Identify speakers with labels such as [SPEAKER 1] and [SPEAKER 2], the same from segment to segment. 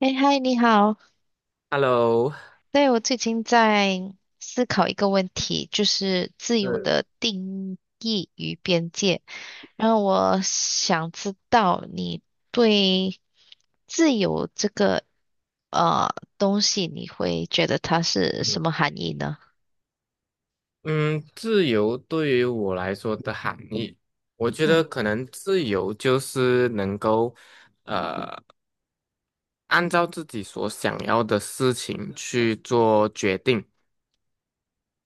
[SPEAKER 1] 哎，嗨，你好。
[SPEAKER 2] Hello，
[SPEAKER 1] 对，我最近在思考一个问题，就是自由的定义与边界。然后我想知道你对自由这个呃东西，你会觉得它是什
[SPEAKER 2] 嗯
[SPEAKER 1] 么含义呢？
[SPEAKER 2] 嗯，自由对于我来说的含义，我觉得
[SPEAKER 1] 嗯
[SPEAKER 2] 可能自由就是能够按照自己所想要的事情去做决定。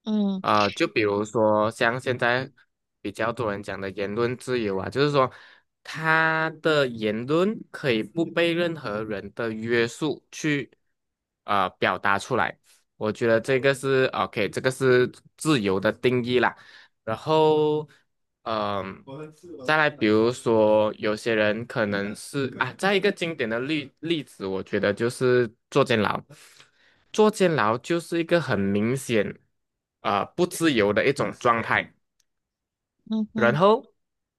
[SPEAKER 1] 嗯
[SPEAKER 2] 就比如说像现在比较多人讲的言论自由啊，就是说他的言论可以不被任何人的约束去表达出来。我觉得这个是 OK，这个是自由的定义啦。然后，嗯、再来，比如说有些人可能是啊，再一个经典的例子，我觉得就是坐监牢。坐监牢就是一个很明显不自由的一种状态。
[SPEAKER 1] 嗯
[SPEAKER 2] 然
[SPEAKER 1] 哼。
[SPEAKER 2] 后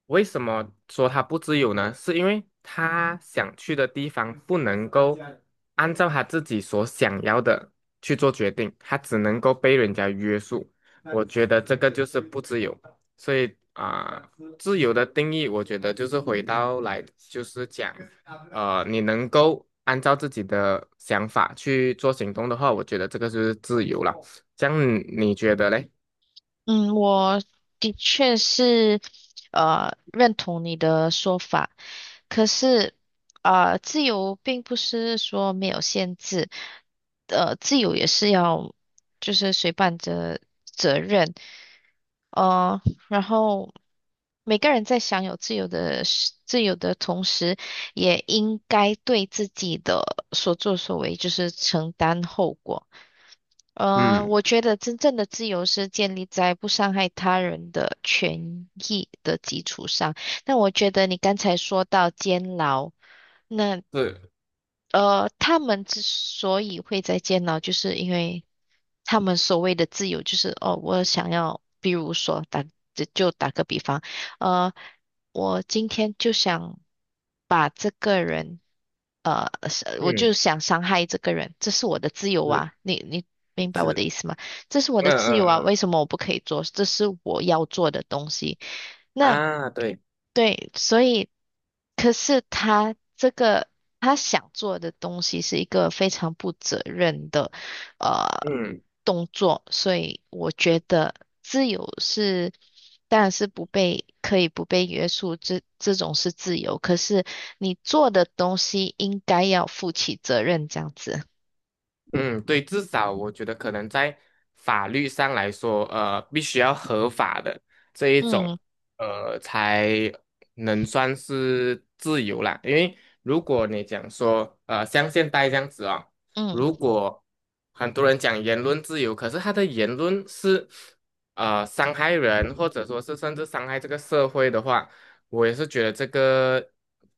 [SPEAKER 2] 为什么说他不自由呢？是因为他想去的地方不能够按照他自己所想要的去做决定，他只能够被人家约束。我觉得这个就是不自由。所以自由的定义，我觉得就是回到来，就是讲，你能够按照自己的想法去做行动的话，我觉得这个就是自由了。这样你觉得嘞？
[SPEAKER 1] 嗯，我的确是认同你的说法，可是啊，自由并不是说没有限制，自由也是要就是随伴着责任，呃，然后每个人在享有自由的同时，也应该对自己的所作所为就是承担后果。
[SPEAKER 2] 嗯，
[SPEAKER 1] 我觉得真正的自由是建立在不伤害他人的权益的基础上。那我觉得你刚才说到监牢，那
[SPEAKER 2] 是。
[SPEAKER 1] 他们之所以会在监牢，就是因为他们所谓的自由，就是哦，我想要，比如说打，就打个比方，呃，我今天就想把这个人，是我就
[SPEAKER 2] 嗯，
[SPEAKER 1] 想伤害这个人，这是我的自由
[SPEAKER 2] 是
[SPEAKER 1] 啊，你明白我的
[SPEAKER 2] 是。
[SPEAKER 1] 意思吗？这是我
[SPEAKER 2] 嗯
[SPEAKER 1] 的自由
[SPEAKER 2] 嗯
[SPEAKER 1] 啊，
[SPEAKER 2] 嗯。
[SPEAKER 1] 为什么我不可以做？这是我要做的东西。那
[SPEAKER 2] 啊，对。
[SPEAKER 1] 对，所以可是他这个他想做的东西是一个非常不责任的呃
[SPEAKER 2] 嗯
[SPEAKER 1] 动作，所以我觉得自由是当然是不被可以不被约束，这种是自由，可是你做的东西应该要负起责任，这样子。
[SPEAKER 2] 嗯，对，至少我觉得可能在法律上来说，必须要合法的这一种，
[SPEAKER 1] 嗯
[SPEAKER 2] 才能算是自由啦。因为如果你讲说，像现在这样子哦，
[SPEAKER 1] 嗯。
[SPEAKER 2] 如果很多人讲言论自由，可是他的言论是伤害人，或者说是甚至伤害这个社会的话。我也是觉得这个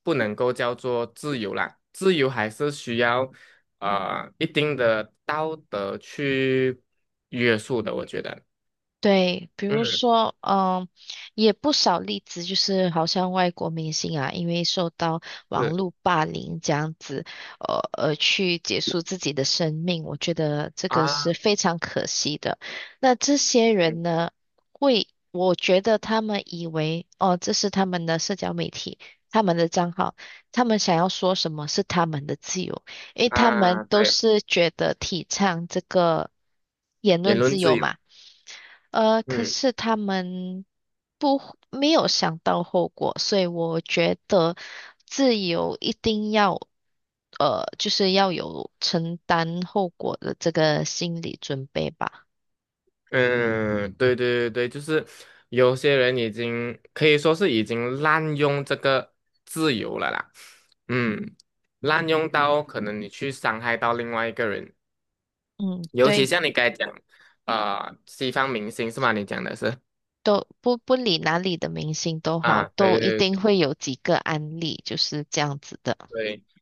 [SPEAKER 2] 不能够叫做自由啦，自由还是需要一定的道德去约束的，我觉得。
[SPEAKER 1] 对，比如
[SPEAKER 2] 嗯，
[SPEAKER 1] 说，嗯，也不少例子，就是好像外国明星啊，因为受到网
[SPEAKER 2] 是
[SPEAKER 1] 络霸凌这样子，而去结束自己的生命，我觉得这个是
[SPEAKER 2] 啊。
[SPEAKER 1] 非常可惜的。那这些
[SPEAKER 2] 嗯，
[SPEAKER 1] 人呢，会，我觉得他们以为，哦，这是他们的社交媒体，他们的账号，他们想要说什么是他们的自由，因为他们
[SPEAKER 2] 啊，
[SPEAKER 1] 都
[SPEAKER 2] 对，
[SPEAKER 1] 是觉得提倡这个言
[SPEAKER 2] 言
[SPEAKER 1] 论
[SPEAKER 2] 论
[SPEAKER 1] 自
[SPEAKER 2] 自
[SPEAKER 1] 由
[SPEAKER 2] 由。
[SPEAKER 1] 嘛。可
[SPEAKER 2] 嗯
[SPEAKER 1] 是他们不没有想到后果，所以我觉得自由一定要，就是要有承担后果的这个心理准备吧。
[SPEAKER 2] 嗯，对对对对，就是有些人已经可以说是已经滥用这个自由了啦。嗯，滥用到可能你去伤害到另外一个人。
[SPEAKER 1] 嗯，
[SPEAKER 2] 尤其
[SPEAKER 1] 对，
[SPEAKER 2] 像你刚才讲，西方明星是吗？你讲的是
[SPEAKER 1] 都不理哪里的明星都好，
[SPEAKER 2] 啊，
[SPEAKER 1] 都
[SPEAKER 2] 对
[SPEAKER 1] 一
[SPEAKER 2] 对
[SPEAKER 1] 定
[SPEAKER 2] 对。
[SPEAKER 1] 会有几个案例就是这样子的。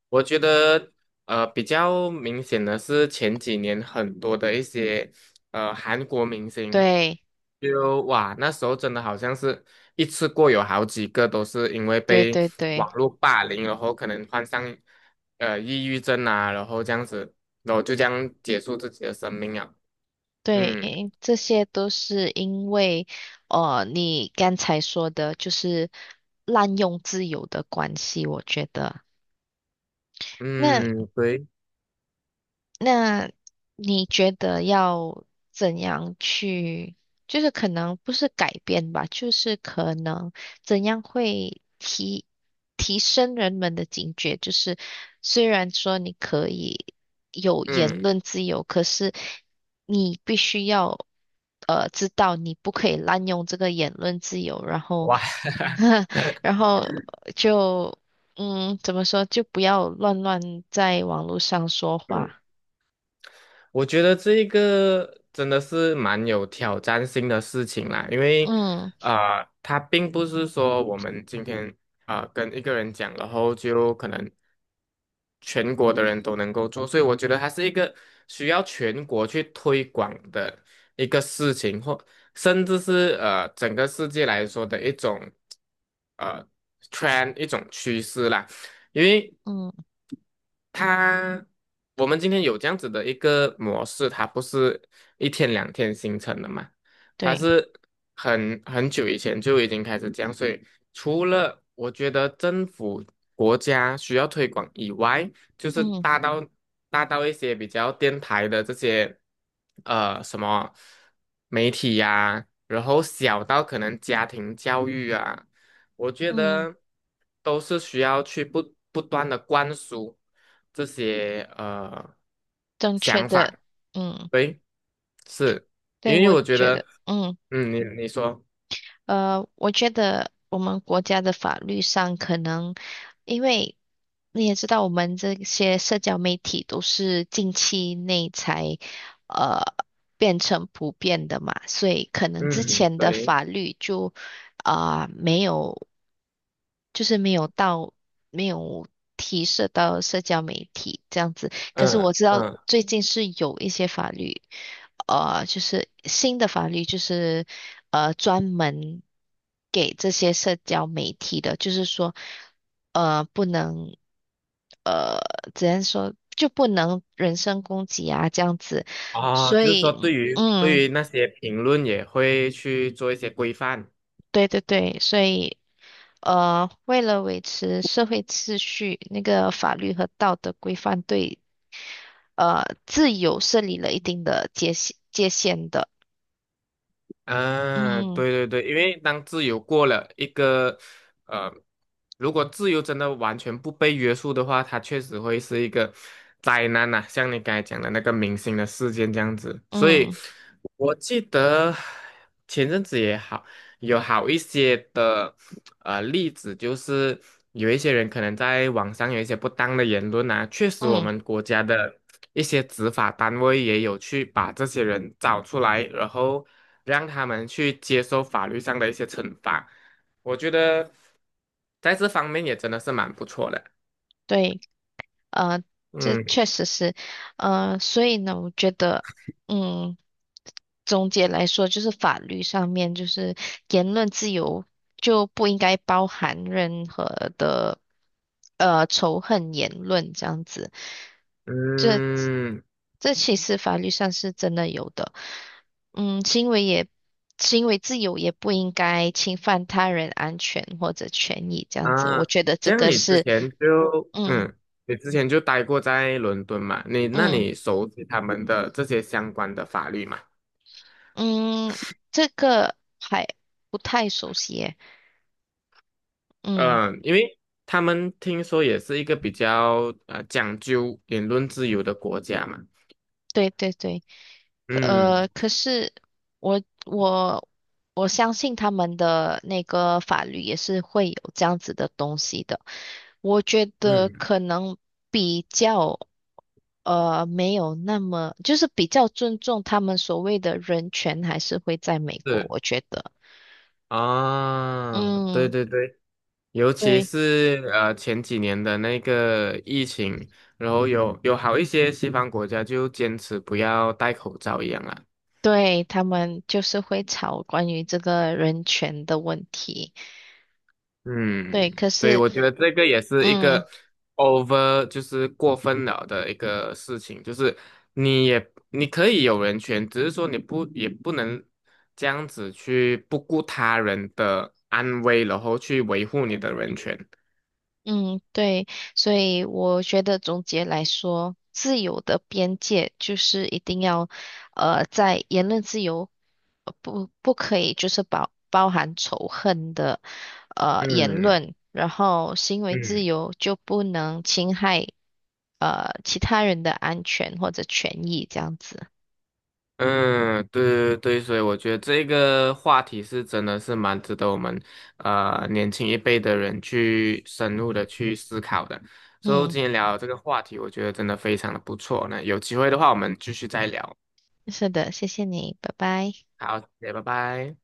[SPEAKER 2] 我觉得比较明显的是前几年很多的一些韩国明星，
[SPEAKER 1] 对，
[SPEAKER 2] 就哇那时候真的好像是一次过有好几个都是因为
[SPEAKER 1] 对
[SPEAKER 2] 被
[SPEAKER 1] 对对。
[SPEAKER 2] 网络霸凌，然后可能患上抑郁症啊，然后这样子，然后就这样结束自己的生命啊。
[SPEAKER 1] 对，
[SPEAKER 2] 嗯
[SPEAKER 1] 诶这些都是因为，你刚才说的就是滥用自由的关系，我觉得。那
[SPEAKER 2] 嗯，对。
[SPEAKER 1] 那你觉得要怎样去，就是可能不是改变吧，就是可能怎样会提升人们的警觉？就是虽然说你可以有言
[SPEAKER 2] 嗯，
[SPEAKER 1] 论自由，可是你必须要知道你不可以滥用这个言论自由，然后
[SPEAKER 2] 哇。
[SPEAKER 1] 然后就嗯怎么说，就不要乱乱在网络上说
[SPEAKER 2] 嗯。
[SPEAKER 1] 话。
[SPEAKER 2] 我觉得这一个真的是蛮有挑战性的事情啦，因为
[SPEAKER 1] 嗯
[SPEAKER 2] 它并不是说我们今天跟一个人讲，然后就可能全国的人都能够做，所以我觉得它是一个需要全国去推广的一个事情，或甚至是整个世界来说的一种呃 t r 一种趋势啦，因为
[SPEAKER 1] 嗯，
[SPEAKER 2] 它我们今天有这样子的一个模式，它不是一天两天形成的嘛。它
[SPEAKER 1] 对，
[SPEAKER 2] 是很久以前就已经开始这样，所以除了我觉得政府国家需要推广以外，就是
[SPEAKER 1] 嗯
[SPEAKER 2] 大到一些比较电台的这些什么媒体呀、然后小到可能家庭教育啊。我觉
[SPEAKER 1] 嗯，
[SPEAKER 2] 得都是需要去不断的灌输这些
[SPEAKER 1] 正确
[SPEAKER 2] 想
[SPEAKER 1] 的，
[SPEAKER 2] 法。
[SPEAKER 1] 嗯，
[SPEAKER 2] 对，是因
[SPEAKER 1] 对，
[SPEAKER 2] 为
[SPEAKER 1] 我
[SPEAKER 2] 我觉
[SPEAKER 1] 觉得，
[SPEAKER 2] 得，
[SPEAKER 1] 嗯
[SPEAKER 2] 嗯，你你说。
[SPEAKER 1] 我觉得我们国家的法律上可能，因为你也知道，我们这些社交媒体都是近期内才呃变成普遍的嘛，所以可能之
[SPEAKER 2] 嗯，
[SPEAKER 1] 前的
[SPEAKER 2] 对。
[SPEAKER 1] 法律就啊、没有。就是没有到没有提涉到社交媒体这样子。可是我
[SPEAKER 2] 嗯
[SPEAKER 1] 知道
[SPEAKER 2] 嗯，
[SPEAKER 1] 最近是有一些法律，就是新的法律，就是专门给这些社交媒体的，就是说不能呃只能说就不能人身攻击啊这样子。
[SPEAKER 2] 哦，
[SPEAKER 1] 所
[SPEAKER 2] 就是说
[SPEAKER 1] 以
[SPEAKER 2] 对于
[SPEAKER 1] 嗯，
[SPEAKER 2] 对于那些评论也会去做一些规范。
[SPEAKER 1] 对对对，所以。呃，为了维持社会秩序，那个法律和道德规范对自由设立了一定的界限的。
[SPEAKER 2] 啊，
[SPEAKER 1] 嗯
[SPEAKER 2] 对对对，因为当自由过了一个，呃，如果自由真的完全不被约束的话，它确实会是一个灾难呐、像你刚才讲的那个明星的事件这样子，所以
[SPEAKER 1] 嗯
[SPEAKER 2] 我记得前阵子也好。有好一些的例子，就是有一些人可能在网上有一些不当的言论啊，确实我
[SPEAKER 1] 嗯，
[SPEAKER 2] 们国家的一些执法单位也有去把这些人找出来，然后让他们去接受法律上的一些惩罚。我觉得在这方面也真的是蛮不错的。
[SPEAKER 1] 对，呃，这
[SPEAKER 2] 嗯
[SPEAKER 1] 确实是，所以呢，我觉得，嗯，总结来说，就是法律上面就是言论自由就不应该包含任何的仇恨言论这样子。这。
[SPEAKER 2] 嗯。
[SPEAKER 1] 这其实法律上是真的有的。嗯，行为也行为自由也不应该侵犯他人安全或者权益，这样子，我
[SPEAKER 2] 啊，
[SPEAKER 1] 觉得这
[SPEAKER 2] 像
[SPEAKER 1] 个
[SPEAKER 2] 你之
[SPEAKER 1] 是，
[SPEAKER 2] 前就
[SPEAKER 1] 嗯
[SPEAKER 2] 嗯，你之前就待过在伦敦嘛？你那
[SPEAKER 1] 嗯
[SPEAKER 2] 你熟悉他们的这些相关的法律嘛？
[SPEAKER 1] 嗯，这个还不太熟悉耶。嗯，
[SPEAKER 2] 嗯，因为他们听说也是一个比较讲究言论自由的国家嘛。
[SPEAKER 1] 对对对。
[SPEAKER 2] 嗯
[SPEAKER 1] 可是我我相信他们的那个法律也是会有这样子的东西的。我觉得
[SPEAKER 2] 嗯，
[SPEAKER 1] 可能比较没有那么，就是比较尊重他们所谓的人权，还是会在美国，
[SPEAKER 2] 是
[SPEAKER 1] 我觉得。
[SPEAKER 2] 啊，对
[SPEAKER 1] 嗯，
[SPEAKER 2] 对对，尤其
[SPEAKER 1] 对
[SPEAKER 2] 是前几年的那个疫情，然后有好一些西方国家就坚持不要戴口罩一样啊。
[SPEAKER 1] 对，他们就是会吵关于这个人权的问题。对，
[SPEAKER 2] 嗯，
[SPEAKER 1] 可
[SPEAKER 2] 对，
[SPEAKER 1] 是
[SPEAKER 2] 我觉得这个也是一
[SPEAKER 1] 嗯。
[SPEAKER 2] 个 over，就是过分了的一个事情，就是你也你可以有人权，只是说你不也不能这样子去不顾他人的安危，然后去维护你的人权。
[SPEAKER 1] 嗯，对，所以我觉得总结来说，自由的边界就是一定要，在言论自由，不不可以就是包含仇恨的，言
[SPEAKER 2] 嗯
[SPEAKER 1] 论，然后行为自
[SPEAKER 2] 嗯。
[SPEAKER 1] 由就不能侵害其他人的安全或者权益这样子。
[SPEAKER 2] 嗯，对对对，所以我觉得这个话题是真的是蛮值得我们年轻一辈的人去深入的去思考的。所以
[SPEAKER 1] 嗯，
[SPEAKER 2] 今天聊这个话题，我觉得真的非常的不错。那有机会的话，我们继续再聊。
[SPEAKER 1] 是的，谢谢你，拜拜。
[SPEAKER 2] 好，谢谢，拜拜。